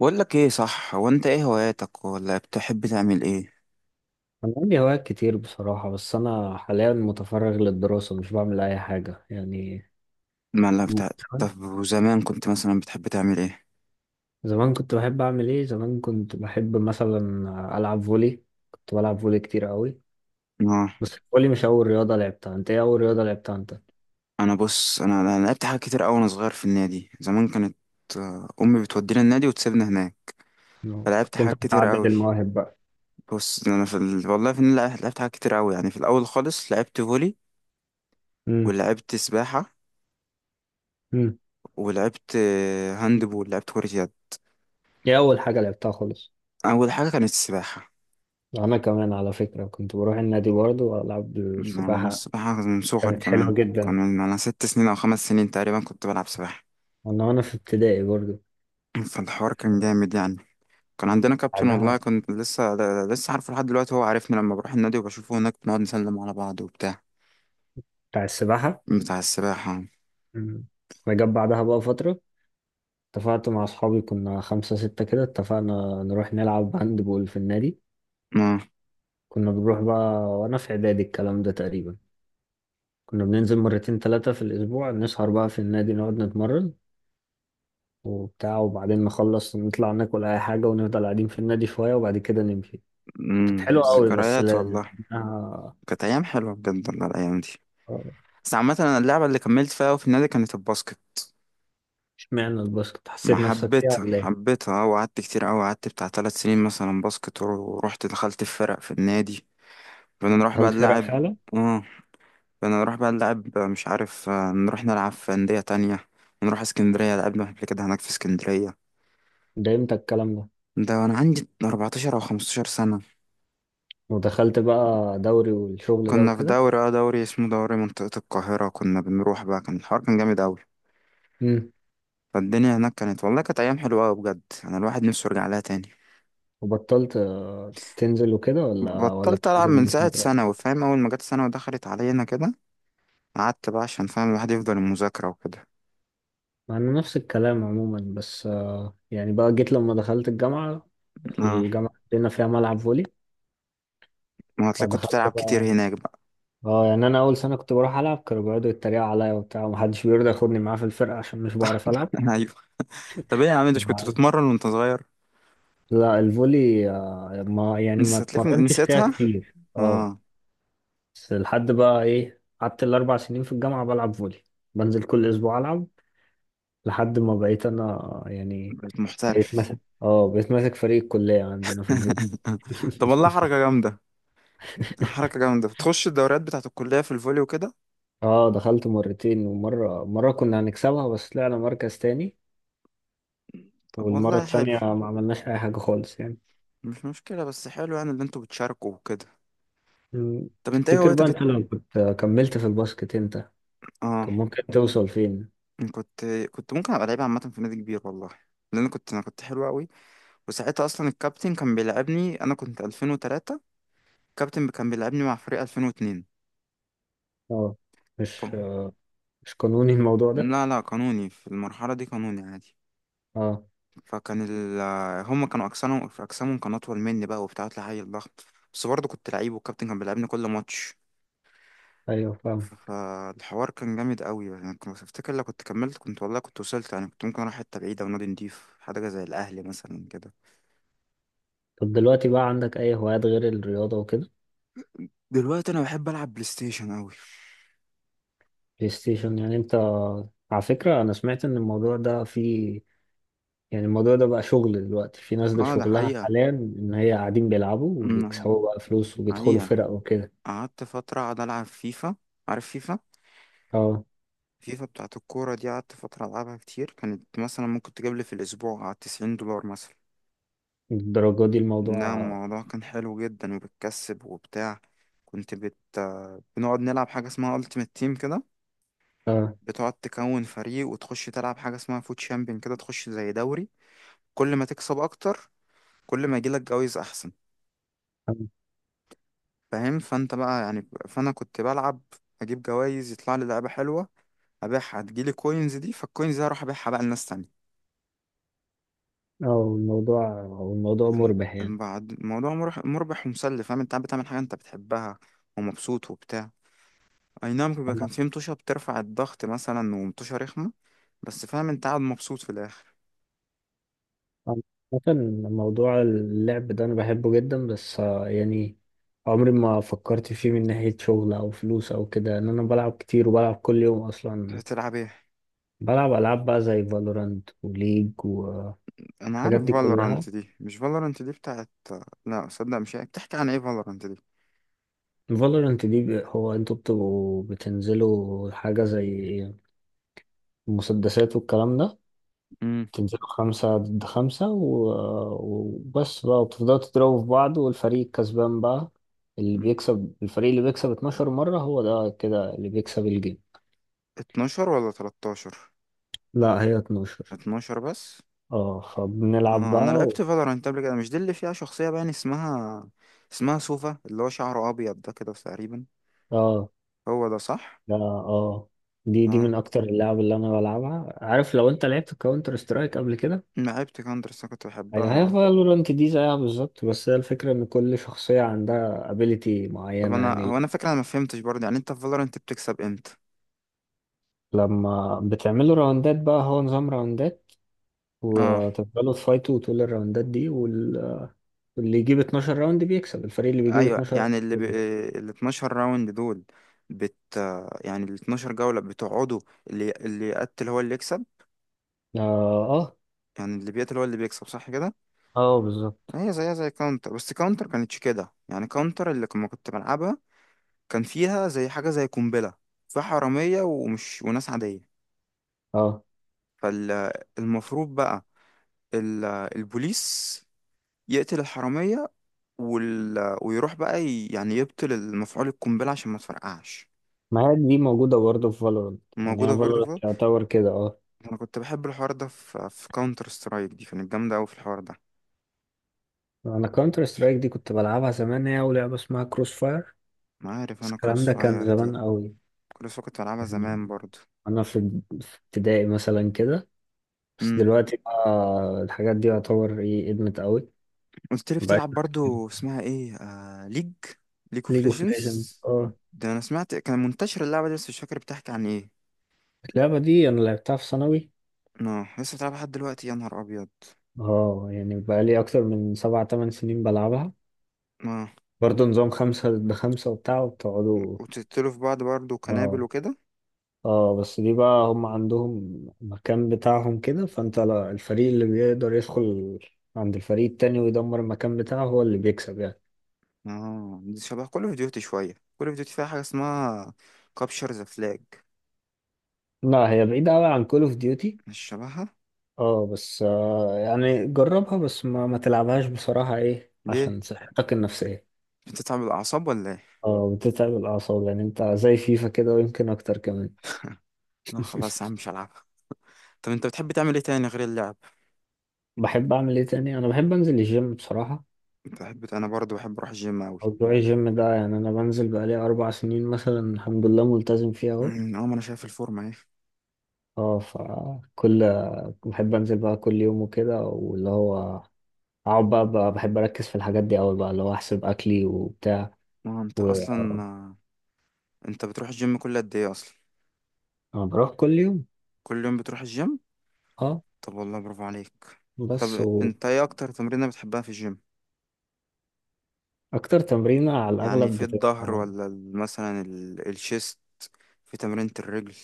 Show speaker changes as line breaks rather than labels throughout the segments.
بقول لك ايه، صح؟ هو انت ايه هواياتك، ولا بتحب تعمل ايه؟
أنا عندي هوايات كتير بصراحة، بس أنا حاليا متفرغ للدراسة، مش بعمل أي حاجة يعني.
ما لا بتاع.
زمان.
طب وزمان كنت مثلا بتحب تعمل ايه؟
زمان كنت بحب أعمل إيه؟ زمان كنت بحب مثلا ألعب فولي. كنت بلعب فولي كتير قوي.
اه،
بس الفولي مش أول رياضة لعبتها. أنت إيه أول رياضة لعبتها أنت؟
انا بص، انا لعبت حاجات كتير قوي وانا صغير في النادي. زمان كانت، امي بتودينا النادي وتسيبنا هناك.
نعم.
فلعبت
كنت أنت
حاجات كتير
متعدد
قوي.
المواهب بقى.
بص انا في والله في النادي لعبت حاجات كتير قوي يعني. في الاول خالص لعبت فولي،
امم.
ولعبت سباحة،
امم.
ولعبت هاند بول. لعبت كرة يد.
إيه أول حاجة لعبتها خالص؟
اول حاجة كانت السباحة.
أنا كمان على فكرة كنت بروح النادي برضه وألعب
أنا
السباحة،
السباحة من صغري
كانت حلوة
كمان. كان
جدا.
من أنا ست سنين أو خمس سنين تقريبا كنت بلعب سباحة.
وأنا في ابتدائي برضه.
فالحوار كان جامد يعني. كان عندنا كابتن والله.
بعدها.
كنت لسه لسه عارفه لحد دلوقتي. هو عارفني لما بروح النادي وبشوفه هناك، بنقعد نسلم على بعض وبتاع،
بتاع السباحة.
بتاع السباحة.
مم. فجت بعدها بقى فترة، اتفقت مع أصحابي، كنا خمسة ستة كده، اتفقنا نروح نلعب هاند بول في النادي.
آه.
كنا بنروح بقى وأنا في إعدادي الكلام ده تقريبا. كنا بننزل مرتين تلاتة في الأسبوع، نسهر بقى في النادي، نقعد نتمرن وبتاع، وبعدين نخلص نطلع ناكل أي حاجة، ونفضل قاعدين في النادي شوية وبعد كده نمشي. كانت حلوة أوي بس،
ذكريات والله. كانت أيام حلوة بجد والله، الأيام دي. بس عامة أنا اللعبة اللي كملت فيها أوي في النادي كانت الباسكت.
اشمعنى الباسكت،
ما
حسيت نفسك فيها
حبيتها
ولا إيه؟
حبيتها أه، وقعدت كتير أوي، قعدت بتاع تلات سنين مثلا باسكت. ورحت دخلت في فرق في النادي، كنا نروح بقى
دخلت فرق
نلعب.
فعلا؟
اه، كنا نروح بقى نلعب، مش عارف، نروح نلعب في أندية تانية. نروح اسكندرية، لعبنا قبل كده هناك في اسكندرية.
ده إمتى الكلام ده؟
ده وأنا عندي 14 أو 15 سنة.
ودخلت بقى دوري والشغل ده
كنا في
وكده؟
دوري، اه، دوري اسمه دوري منطقة القاهرة. كنا بنروح بقى، كان الحوار كان جامد أوي. فالدنيا هناك كانت، والله كانت أيام حلوة أوي بجد. أنا الواحد نفسه يرجع لها تاني.
وبطلت تنزل وكده، ولا
بطلت ألعب
بتنزل
من
من
ساعة
المدرسة؟
ثانوي، فاهم؟ أول ما جت ثانوي ودخلت علينا كده، قعدت بقى عشان فاهم الواحد يفضل المذاكرة وكده.
مع إن نفس الكلام عموما، بس يعني بقى جيت لما دخلت الجامعة.
اه،
الجامعة عندنا فيها ملعب فولي،
ما هتلاقي كنت
فدخلت
بتلعب كتير
بقى.
هناك بقى.
اه، يعني أنا أول سنة كنت بروح ألعب، كانوا بيقعدوا يتريقوا عليا وبتاع، ومحدش بيرضى ياخدني معاه في الفرقة عشان مش بعرف ألعب.
طب ايه يا عم، انت مش كنت
وبعد-
بتتمرن وانت صغير؟
لا، الفولي ما يعني، ما
نسيت لك،
اتمرنتش فيها
نسيتها.
كتير اه.
اه،
بس لحد بقى إيه، قعدت الأربع سنين في الجامعة بلعب فولي، بنزل كل أسبوع ألعب، لحد ما بقيت انا يعني
بقيت
بقيت
محترف.
ماسك اه بقيت ماسك فريق الكلية عندنا في الفوتبول.
طب والله حركة جامدة. حركة جامدة، بتخش الدوريات بتاعة الكلية في الفولي وكده.
اه، دخلت مرتين، ومرة كنا هنكسبها بس طلعنا مركز تاني،
طب
والمرة
والله حلو.
التانية ما عملناش أي حاجة خالص يعني.
مش مشكلة، بس حلو يعني، اللي انتوا بتشاركوا وكده.
مم.
طب انت ايه
تفتكر بقى
هوايتك
أنت لو كنت كملت في الباسكت أنت،
اه،
كان ممكن توصل فين؟
كنت كنت ممكن ابقى لعيب عامة في نادي كبير والله. لان كنت، انا كنت حلو قوي. وساعتها اصلا الكابتن كان بيلعبني، انا كنت 2003. الكابتن كان بيلعبني مع فريق 2002.
اه.
ف...
مش آه، مش قانوني الموضوع ده؟
لا لا قانوني، في المرحلة دي قانوني عادي.
اه.
فكان ال... هم كانوا اجسامهم، في اجسامهم كان اطول مني بقى وبتاع، طلع عيل ضخم. بس برضه كنت لعيب والكابتن كان بيلعبني كل ماتش.
أيوه فاهم.
فالحوار كان جامد قوي يعني. كنت افتكر لو كنت كملت، كنت والله كنت وصلت يعني. كنت ممكن اروح حته بعيده، ونادي نضيف حاجه زي الاهلي مثلا كده.
طب دلوقتي بقى عندك أي هوايات غير الرياضة وكده؟
دلوقتي انا بحب العب بلاي ستيشن قوي.
بلاي ستيشن يعني أنت. على فكرة أنا سمعت إن الموضوع ده فيه، يعني الموضوع ده بقى شغل دلوقتي، في ناس ده
اه، ده
شغلها
حقيقه.
حاليا ان هي قاعدين بيلعبوا وبيكسبوا
أمم،
بقى فلوس وبيدخلوا
حقيقه.
فرق وكده.
قعدت فتره قاعد العب فيفا. عارف فيفا؟
اه،
فيفا بتاعت الكوره دي، قعدت فتره العبها كتير. كانت مثلا ممكن تجيب لي في الاسبوع على 90 دولار مثلا.
الدرجة دي
لا،
الموضوع.
الموضوع كان حلو جدا، وبتكسب وبتاع. كنت بت بنقعد نلعب حاجة اسمها Ultimate Team كده.
اه.
بتقعد تكون فريق وتخش تلعب حاجة اسمها فوت شامبيون كده، تخش زي دوري. كل ما تكسب أكتر، كل ما يجيلك جوايز أحسن.
اه.
فاهم؟ فأنت بقى يعني، فأنا كنت بلعب، أجيب جوايز، يطلع لي لعبة حلوة أبيعها، تجيلي كوينز دي، فالكوينز دي هروح أبيعها بقى لناس تانية.
آه، الموضوع الموضوع مربح يعني.
بعد، الموضوع مربح، مربح ومسلي. فاهم؟ أنت قاعد بتعمل حاجة أنت بتحبها، ومبسوط وبتاع. اي نعم، بيبقى كان
انا
في مطوشة بترفع الضغط مثلا، ومطوشة رخمة. بس فاهم، انت قاعد مبسوط في الاخر.
أنا- مثلا موضوع اللعب ده انا بحبه جدا، بس يعني عمري ما فكرت فيه من ناحية شغل او فلوس او كده، ان انا بلعب كتير وبلعب كل يوم اصلا.
تلعب ايه؟
بلعب العاب بقى زي فالورانت وليج والحاجات
انا عارف
دي كلها.
فالورانت دي. مش فالورانت دي بتاعت، لا صدق، مش هي. بتحكي عن ايه فالورانت دي؟
فالورنت دي هو انتوا بتبقوا بتنزلوا حاجة زي مسدسات والكلام ده.
امم
تنزلوا خمسة ضد خمسة وبس بقى، وبتفضلوا تضربوا في بعض، والفريق الكسبان بقى اللي بيكسب، الفريق اللي بيكسب 12 مرة هو ده كده اللي بيكسب الجيم.
12 ولا 13؟
لا، هي 12.
12 بس.
اه فبنلعب
آه،
بقى
انا لعبت فالورانت قبل كده. مش دي اللي فيها شخصية باين اسمها، اسمها سوفا، اللي هو شعره ابيض ده كده تقريبا؟
اه.
هو ده صح؟
لا اه. دي
اه،
من اكتر اللعب اللي انا بلعبها. عارف لو انت لعبت كاونتر سترايك قبل كده،
لعبت كاندر بس أنا كنت
يعني هي
بحبها.
فالورانت دي زيها بالظبط، بس هي الفكرة إن كل شخصية عندها ابيليتي
طب
معينة
انا،
يعني.
هو انا فاكر، انا ما فهمتش برضه يعني، انت في فالورانت بتكسب امتى؟
لما بتعملوا راوندات بقى، هو نظام راوندات،
اه.
وتفضلوا تفايتوا طول الراوندات دي واللي يجيب 12 راوند بيكسب، الفريق اللي بيجيب
ايوه
12 راوند
يعني
هو اللي بيكسب.
ال 12 راوند دول، بت يعني ال 12 جولة بتقعدوا، اللي يقتل هو اللي يكسب.
اه. اه.
يعني اللي بيقتل هو اللي بيكسب، صح كده؟
اه بالظبط.
هي زيها زي كاونتر، بس كاونتر كانتش كده يعني. كاونتر اللي لما كنت بلعبها، كان فيها زي حاجة زي قنبلة. فيها حرامية، ومش، وناس عادية.
اه،
فالمفروض بقى ال... البوليس يقتل الحرامية، ويروح بقى يعني يبطل المفعول القنبلة عشان ما تفرقعش.
ما هي دي موجودة برضه في فالورانت، يعني هي
موجودة
فالورانت
برضه.
يعتبر كده اه.
انا كنت بحب الحوار ده في كاونتر سترايك. دي كانت جامده قوي في الحوار ده.
أنا كونتر سترايك دي كنت بلعبها زمان، هي ولعبة اسمها كروس فاير،
ما عارف
بس
انا
الكلام
كروس
ده كان
فاير دي.
زمان قوي.
كروس فاير كنت بلعبها
يعني
زمان برضو.
انا في ابتدائي مثلا كده. بس
امم
دلوقتي بقى الحاجات دي يعتبر ايه، ادمت قوي.
قلت لي
مبقاش.
بتلعب برضو اسمها ايه؟ ليج، ليج اوف
ليج اوف
ليجندز.
ليجندز اه.
ده انا سمعت كان منتشر اللعبه دي، بس مش فاكر بتحكي عن ايه.
اللعبة دي انا لعبتها في ثانوي.
اه، لسه بتلعبها لحد دلوقتي؟ يا نهار ابيض.
اه، يعني بقى لي اكتر من سبع تمن سنين بلعبها.
اه،
برضه نظام خمسة ضد خمسة وبتاع وبتقعدوا.
وتقتلوا في بعض برضو كنابل
اه.
وكده.
اه، بس دي بقى هم عندهم مكان بتاعهم كده، فانت لا- الفريق اللي بيقدر يدخل عند الفريق التاني ويدمر المكان بتاعه هو اللي بيكسب يعني.
اه، دي شبه كل اوف ديوتي. شويه كل اوف ديوتي فيها حاجه اسمها كابشر ذا فلاج.
لا، هي بعيدة أوي عن كول اوف ديوتي.
مش شبهها.
اه، بس يعني جربها، بس ما تلعبهاش بصراحة ايه
ليه؟
عشان صحتك النفسية.
بتتعب الاعصاب ولا ايه؟
اه، بتتعب الأعصاب، يعني انت زي فيفا كده ويمكن أكتر كمان.
لا خلاص يا عم، مش هلعبها. طب انت بتحب تعمل ايه تاني غير اللعب؟
بحب أعمل ايه تاني؟ أنا بحب أنزل الجيم بصراحة.
بتحب، انا برضه بحب اروح الجيم اوي.
موضوع الجيم ده يعني أنا بنزل بقالي 4 سنين مثلا الحمد لله، ملتزم فيه أهو.
اه، ما انا شايف الفورمه. ايه،
اه، فكل. بحب أنزل بقى كل يوم وكده، واللي هو أقعد بقى بحب أركز في الحاجات دي أوي بقى، اللي هو أحسب أكلي وبتاع.
اه، انت
و
اصلا، انت بتروح الجيم كل قد ايه اصلا؟
أنا بروح كل يوم.
كل يوم بتروح الجيم؟
اه،
طب والله برافو عليك.
بس
طب انت ايه اكتر تمرينه بتحبها في الجيم؟
اكتر تمرينة على
يعني
الاغلب
في
بتبقى.
الظهر ولا مثلا الشيست؟ في تمرينة الرجل؟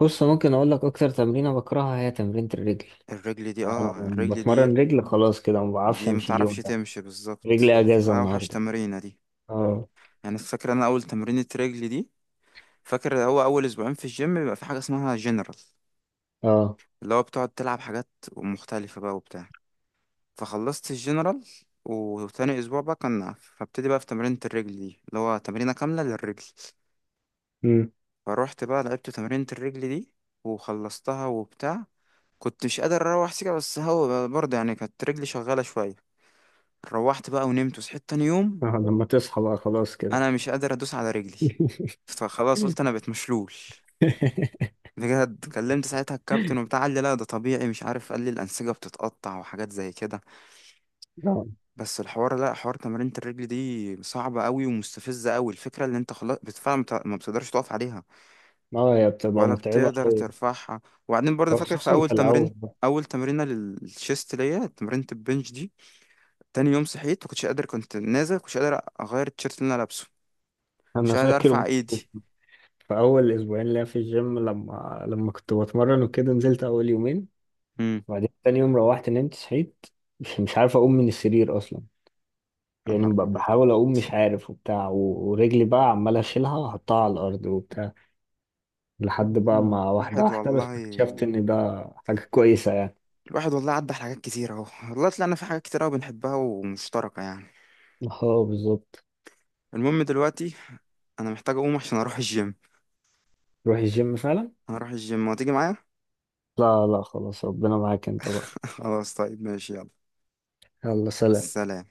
بص ممكن اقول لك اكتر تمرينة بكرهها، هي تمرينة الرجل.
الرجل دي،
يعني انا
اه
لما
الرجل
بتمرن
دي،
رجل خلاص كده ما بعرفش
دي
امشي
متعرفش
اليوم ده،
تمشي بالظبط،
رجلي اجازة
بتبقى اوحش
النهاردة.
تمرينه دي.
اه.
يعني فاكر انا اول تمرينة رجل دي، فاكر هو اول اسبوعين في الجيم بيبقى في حاجه اسمها جنرال،
اه.
اللي هو بتقعد تلعب حاجات مختلفه بقى وبتاع. فخلصت الجنرال، وتاني اسبوع بقى كان، فابتدي بقى في تمرينة الرجل دي اللي هو تمرينة كاملة للرجل.
امم.
فروحت بقى لعبت تمرينة الرجل دي، وخلصتها وبتاع. كنت مش قادر اروح سكة، بس هو برضه يعني كانت رجلي شغالة شوية. روحت بقى ونمت وصحيت تاني يوم،
آه لما تصحى بقى خلاص كده.
انا مش قادر ادوس على رجلي. فخلاص قلت انا بقيت مشلول. بجد، كلمت ساعتها الكابتن وبتاع، قال لي لا ده طبيعي، مش عارف، قال لي الأنسجة بتتقطع وحاجات زي كده.
اه
بس الحوار، لا، حوار تمرينة الرجل دي صعبة قوي ومستفزة قوي. الفكرة اللي انت خلاص بالفعل ما بتقدرش تقف عليها،
هي بتبقى
ولا
متعبة
بتقدر
قوي
ترفعها. وبعدين برضه فاكر في
خصوصا
أول
في الاول
تمرين،
بقى.
أول تمرينة للشيست ليا، تمرينة البنش دي. تاني يوم صحيت مكنتش قادر، كنت نازل مكنتش قادر أغير التيشيرت اللي أنا لابسه.
انا
مش قادر
فاكر
أرفع
برضه
إيدي.
في اول اسبوعين ليا في الجيم، لما كنت بتمرن وكده، نزلت اول يومين،
امم
وبعدين تاني يوم روحت نمت صحيت، مش عارف اقوم من السرير اصلا،
يا
يعني
نهار أبيض.
بحاول اقوم مش عارف وبتاع، ورجلي بقى عمال اشيلها واحطها على الارض وبتاع. لحد بقى
مم.
ما واحده
واحد
واحده بس
والله،
اكتشفت ان ده حاجه كويسه يعني.
الواحد والله عدى على حاجات كتير اهو والله. طلعنا في حاجات كتير قوي بنحبها ومشتركة يعني.
اه بالظبط.
المهم دلوقتي، انا محتاج اقوم عشان اروح الجيم.
روح الجيم فعلا.
هروح الجيم، وتيجي معايا؟
لا لا خلاص، ربنا معاك انت بقى.
خلاص، طيب ماشي، يلا.
يلا سلام.
سلام.